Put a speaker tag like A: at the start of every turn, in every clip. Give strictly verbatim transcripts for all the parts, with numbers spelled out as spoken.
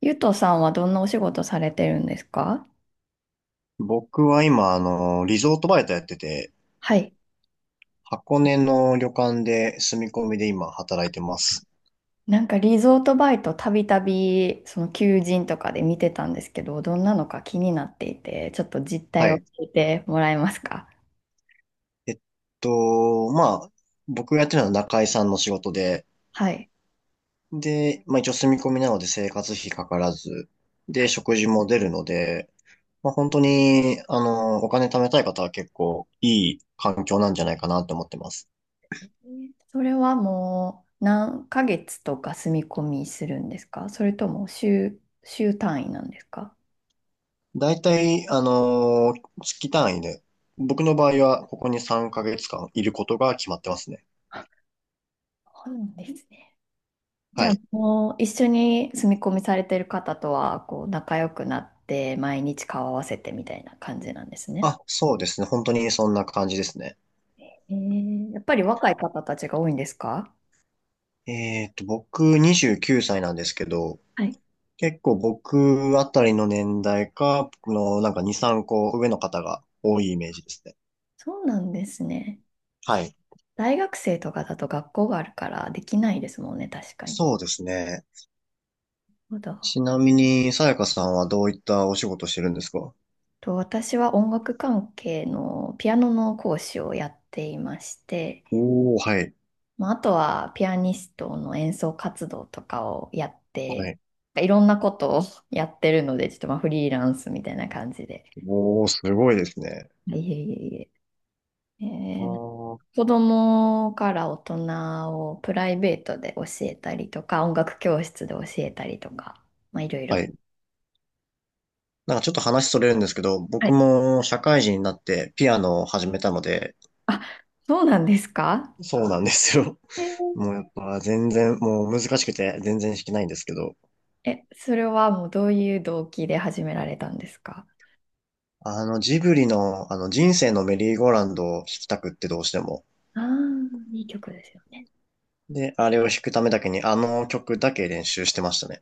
A: ゆとさんはどんなお仕事されてるんですか？
B: 僕は今、あの、リゾートバイトやってて、
A: はい。
B: 箱根の旅館で住み込みで今働いてます。
A: なんかリゾートバイトたびたびその求人とかで見てたんですけど、どんなのか気になっていて、ちょっと実態
B: は
A: を聞
B: い。
A: いてもらえますか？
B: えっと、まあ、僕がやってるのは中居さんの仕事で、
A: はい。
B: で、まあ一応住み込みなので生活費かからず、で、食事も出るので、まあ本当に、あの、お金貯めたい方は結構いい環境なんじゃないかなと思ってます。
A: えーそれはもう何ヶ月とか住み込みするんですか？それとも週、週単位なんですか？
B: だいたい、あの、月単位で、僕の場合はここにさんかげつかんいることが決まってますね。
A: そうなんですね。じ
B: は
A: ゃあ
B: い。
A: もう一緒に住み込みされてる方とはこう仲良くなって毎日顔合わせてみたいな感じなんですね。
B: あ、そうですね。本当にそんな感じですね。
A: えー、やっぱり若い方たちが多いんですか？
B: えっと、僕にじゅうきゅうさいなんですけど、
A: はい。
B: 結構僕あたりの年代か、僕のなんかに、さんこ上の方が多いイメージですね。
A: そうなんですね。
B: はい。
A: 大学生とかだと学校があるからできないですもんね、確かに。なる
B: そうですね。
A: ほど。
B: ちなみに、さやかさんはどういったお仕事してるんですか？
A: と私は音楽関係のピアノの講師をやっていまして、
B: おー、はい。
A: まあ、あとはピアニストの演奏活動とかをやっ
B: は
A: て、
B: い。
A: いろんなことを やってるので、ちょっとまあフリーランスみたいな感じで。
B: おー、すごいですね。
A: いえいえいえ。
B: あ
A: えー
B: ー、
A: 子供から大人をプライベートで教えたりとか、音楽教室で教えたりとか、まあいろい
B: は
A: ろ。
B: い。なんかちょっと話それるんですけど、
A: は
B: 僕
A: い。
B: も社会人になってピアノを始めたので。
A: あ、そうなんですか？
B: そうなんですよ。
A: えー。
B: もうやっぱ全然、もう難しくて全然弾けないんですけど、
A: え、それはもうどういう動機で始められたんですか？
B: あのジブリのあの人生のメリーゴーランドを弾きたくってどうしても。
A: ああー、いい曲ですよね。
B: で、あれを弾くためだけにあの曲だけ練習してましたね。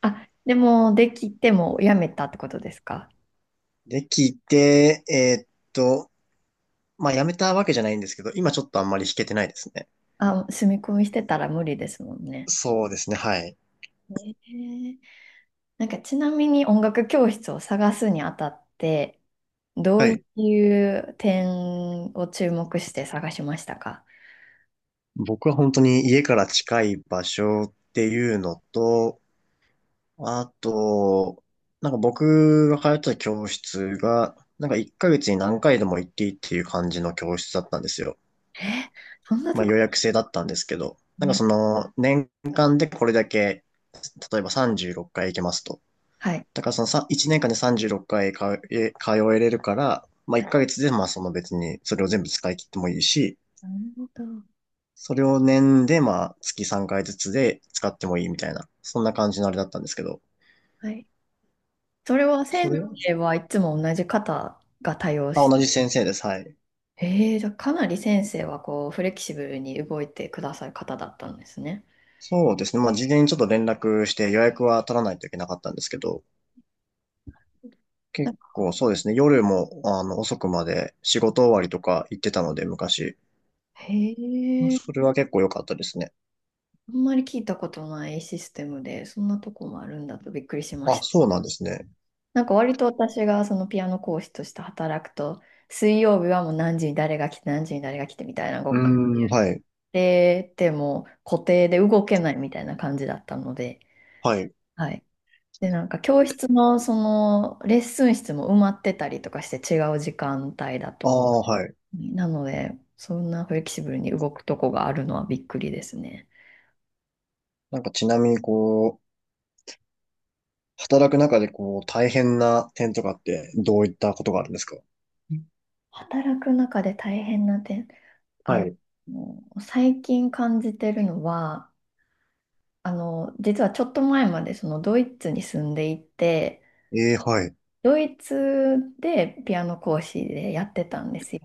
A: あ、でもできてもやめたってことですか？
B: で、聞いて、えーっと、まあ、やめたわけじゃないんですけど、今ちょっとあんまり弾けてないですね。
A: あ、住み込みしてたら無理ですもんね。
B: そうですね、はい。
A: ねえ、なんかちなみに音楽教室を探すにあたって、ど
B: は
A: うい
B: い。
A: う点を注目して探しましたか？
B: 僕は本当に家から近い場所っていうのと、あと、なんか僕が通ってた教室が、なんかいっかげつに何回でも行っていいっていう感じの教室だったんですよ。
A: え、そんな
B: ま
A: と
B: あ
A: こ。
B: 予約制だったんですけど、
A: う
B: なんか
A: ん。
B: その年間でこれだけ、例えばさんじゅうろっかい行けますと。
A: はい。
B: だからそのさいちねんかんでさんじゅうろっかいかいかえ通えれるから、まあいっかげつでまあその別にそれを全部使い切ってもいいし、
A: なるほど。
B: それを年でまあ月さんかいずつで使ってもいいみたいな、そんな感じのあれだったんですけど。
A: はい。それは
B: それ
A: 先
B: は、
A: 生はいつも同じ方が対応
B: あ、
A: して、
B: 同じ先生です。はい。
A: えー、じゃあかなり先生はこうフレキシブルに動いてくださる方だったんですね。
B: そうですね。まあ、事前にちょっと連絡して予約は取らないといけなかったんですけど、
A: な
B: 結
A: ん
B: 構
A: か、
B: そうですね。夜も、あの、遅くまで仕事終わりとか行ってたので、昔。
A: へえ、
B: それは結構良かったですね。
A: あんまり聞いたことないシステムで、そんなとこもあるんだとびっくりしま
B: あ、
A: した。
B: そうなんですね。
A: なんか割と私がそのピアノ講師として働くと、水曜日はもう何時に誰が来て、何時に誰が来てみたいなご
B: う
A: っか
B: ーん、はい。
A: で、でも固定で動けないみたいな感じだったので、
B: はい。
A: はい。で、なんか教室のそのレッスン室も埋まってたりとかして違う時間帯だ
B: あ
A: と。
B: あ、はい。
A: なので、そんなフレキシブルに動くとこがあるのはびっくりですね。
B: なんかちなみに、こう、働く中で、こう、大変な点とかって、どういったことがあるんですか？
A: 働く中で大変な点、
B: は
A: あ
B: い。
A: の、最近感じてるのは、あの、実はちょっと前までそのドイツに住んでいて、
B: ええ、はい。
A: ドイツでピアノ講師でやってたんですよ。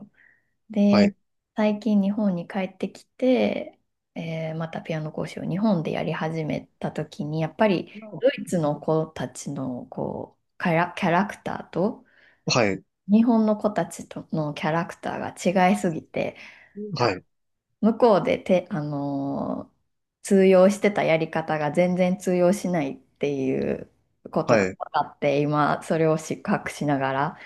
B: は
A: で、
B: い。
A: 最近日本に帰ってきて、えーまたピアノ講師を日本でやり始めた時に、やっぱりドイツの子たちのこうキャラ、キャラクターと
B: はい。
A: 日本の子たちとのキャラクターが違いすぎて、
B: はい。
A: 向こうでて、あのー通用してたやり方が全然通用しないっていうこと
B: は
A: が
B: い。
A: 分かって、今それを失格しながら、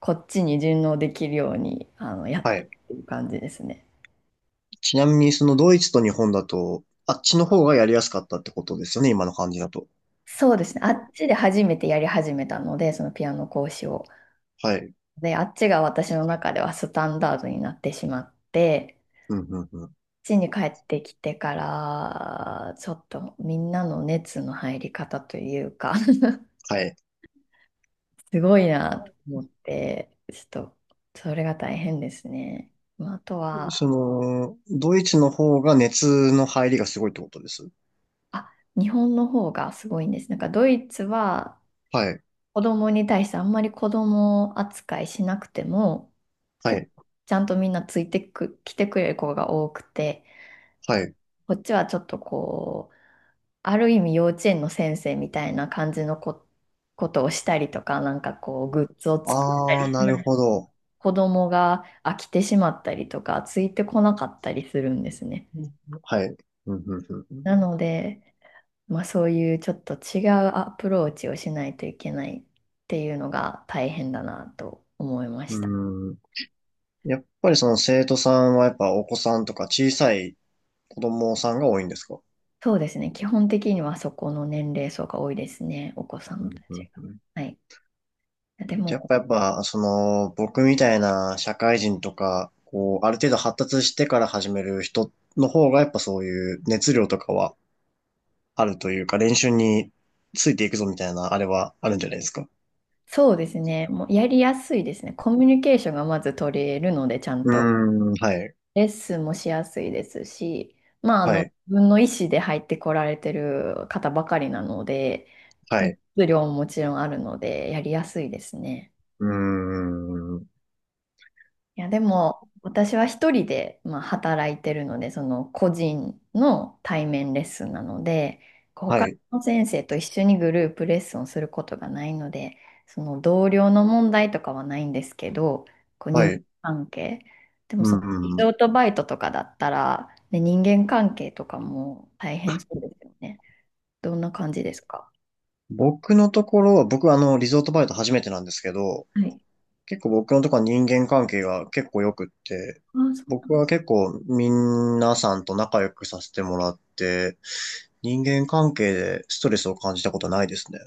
A: こっちに順応できるように、あの、やっ
B: は
A: てっ
B: い。
A: ていう感じですね。
B: ちなみに、そのドイツと日本だと、あっちの方がやりやすかったってことですよね、今の感じだと。
A: そうですね。あっちで初めてやり始めたので、そのピアノ講師を。
B: はい。
A: で、あっちが私の中ではスタンダードになってしまって、こ
B: うん、うん、うん。
A: っちに帰ってきてから、ちょっとみんなの熱の入り方というか
B: はい。
A: すごいなと
B: あ、
A: 思って、ちょっと、それが大変ですね。まあ、あと
B: そ
A: は、
B: の、ドイツの方が熱の入りがすごいってことです。
A: あ、日本の方がすごいんです。なんかドイツは
B: はい。
A: 子供に対してあんまり子供扱いしなくても、
B: は
A: 結
B: い。
A: 構ちゃんとみんなついてく、来てくれる子が多くて、
B: はい。
A: こっちはちょっとこう、ある意味幼稚園の先生みたいな感じのこ、ことをしたりとか、なんかこう、グッズを作る。
B: ああ、なるほど。
A: 子供が飽きてしまったりとか、ついてこなかったりするんですね。
B: はい。うん、うん、
A: なので、まあ、そういうちょっと違うアプローチをしないといけないっていうのが大変だなと思いま
B: う
A: した。
B: ん。うーん。やっぱりその生徒さんはやっぱお子さんとか小さい子供さんが多いんですか？
A: そうですね。基本的にはそこの年齢層が多いですね。お子さ
B: う
A: ん
B: ん、
A: た
B: う
A: ち
B: ん、
A: が。
B: うん。
A: はい。で
B: やっ
A: も、
B: ぱやっぱ、その、僕みたいな社会人とか、こう、ある程度発達してから始める人の方が、やっぱそういう熱量とかはあるというか、練習についていくぞみたいな、あれはあるんじゃないですか。
A: そうですね。もうやりやすいですね。コミュニケーションがまず取れるので、ちゃん
B: う
A: と。
B: ーん、はい、
A: レッスンもしやすいですし、まあ、あ
B: は
A: の、自
B: い、
A: 分の意思で入ってこられてる方ばかりなので、
B: は
A: 熱
B: い、
A: 量ももちろんあるので、やりやすいですね。
B: うーん、
A: いや、でも、私は一人で、まあ、働いてるので、その個人の対面レッスンなので、こう他
B: はい、
A: の先生と一緒にグループレッスンをすることがないので、その同僚の問題とかはないんですけど、こう
B: は
A: 人
B: い、
A: 間
B: う
A: 関係。でも、そのリゾ
B: ん。
A: ートバイトとかだったら、ね、人間関係とかも大変そうですよね。どんな感じですか？
B: 僕のところは、僕はあの、リゾートバイト初めてなんですけど、
A: はい。
B: 結構僕のとこは人間関係が結構良くって、
A: あ、そうなんだ。
B: 僕は結構皆さんと仲良くさせてもらって、人間関係でストレスを感じたことないですね。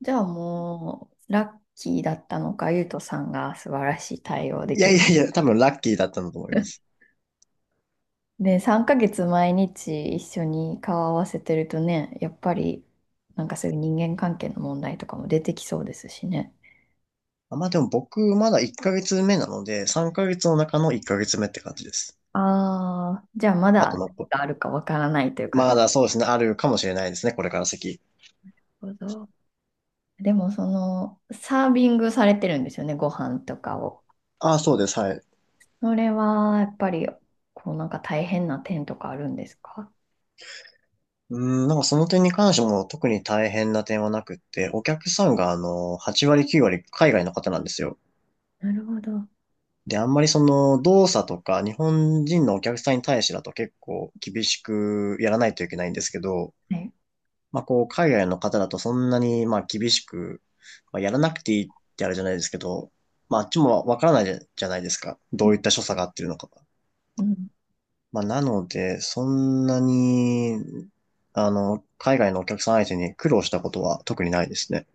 A: じゃあもう、ラッキーだったのか、ゆうとさんが素晴らしい対応で
B: い
A: き
B: やい
A: る。
B: やいや、多分ラッキーだったんだと思います。
A: で、さんかげつ毎日一緒に顔合わせてるとね、やっぱりなんかそういう人間関係の問題とかも出てきそうですしね。
B: あ、まあでも僕まだいっかげつめなので、さんかげつの中のいっかげつめって感じです。
A: ああ、じゃあま
B: あと
A: だ
B: 残
A: あるかわからないという
B: り
A: か、な
B: ま
A: る
B: だそうですね、あるかもしれないですね、これから先。
A: ほど。でもそのサービングされてるんですよね、ご飯とかを。
B: ああ、そうです、はい。
A: それはやっぱりこうなんか大変な点とかあるんですか？
B: うん、なんかその点に関しても特に大変な点はなくって、お客さんがあの、はち割きゅう割海外の方なんですよ。
A: なるほど。
B: で、あんまりその動作とか日本人のお客さんに対してだと結構厳しくやらないといけないんですけど、
A: はい。
B: まあこう海外の方だとそんなにまあ厳しく、まあ、やらなくていいってあれじゃないですけど、まああっちもわからないじゃないですか。どういった所作が合ってるのかが。
A: うん。
B: まあなので、そんなに、あの、海外のお客さん相手に苦労したことは特にないですね。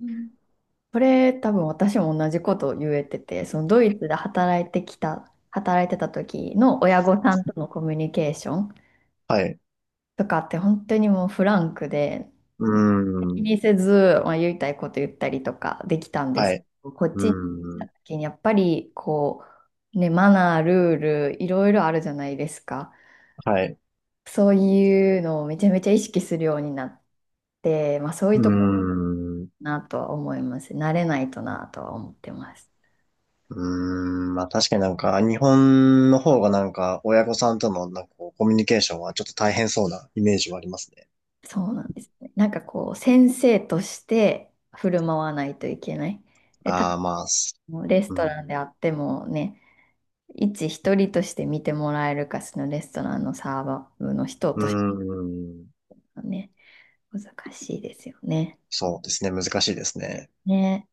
A: うん。これ多分私も同じことを言えてて、そのドイツで働いてきた、働いてた時の親御さんとのコミュニケーション
B: はい。
A: とかって本当にもうフランクで、
B: う
A: 気
B: ーん。
A: にせず、まあ、言いたいこと言ったりとかできたんで
B: は
A: すけ
B: い。
A: ど、こっ
B: う
A: ちに来
B: ー
A: た
B: ん。
A: 時にやっぱりこう、ね、マナー、ルール、いろいろあるじゃないですか。
B: はい。
A: そういうのをめちゃめちゃ意識するようになって、まあそう
B: う
A: いうところか
B: ーん。
A: なとは思います。慣れないとなとは思ってます。
B: うーん、まあ確かになんか、日本の方がなんか、親御さんとのなんかこう、コミュニケーションはちょっと大変そうなイメージはありますね。
A: そうなんですね。なんかこう、先生として振る舞わないといけない。で、多
B: ああ、まあ、す、
A: 分レス
B: う
A: トラン
B: ん、
A: であってもね、一一人として見てもらえるか、そのレストランのサーバーの人として
B: うーん、
A: はね、難しいですよね。
B: そうですね、難しいですね。
A: ね。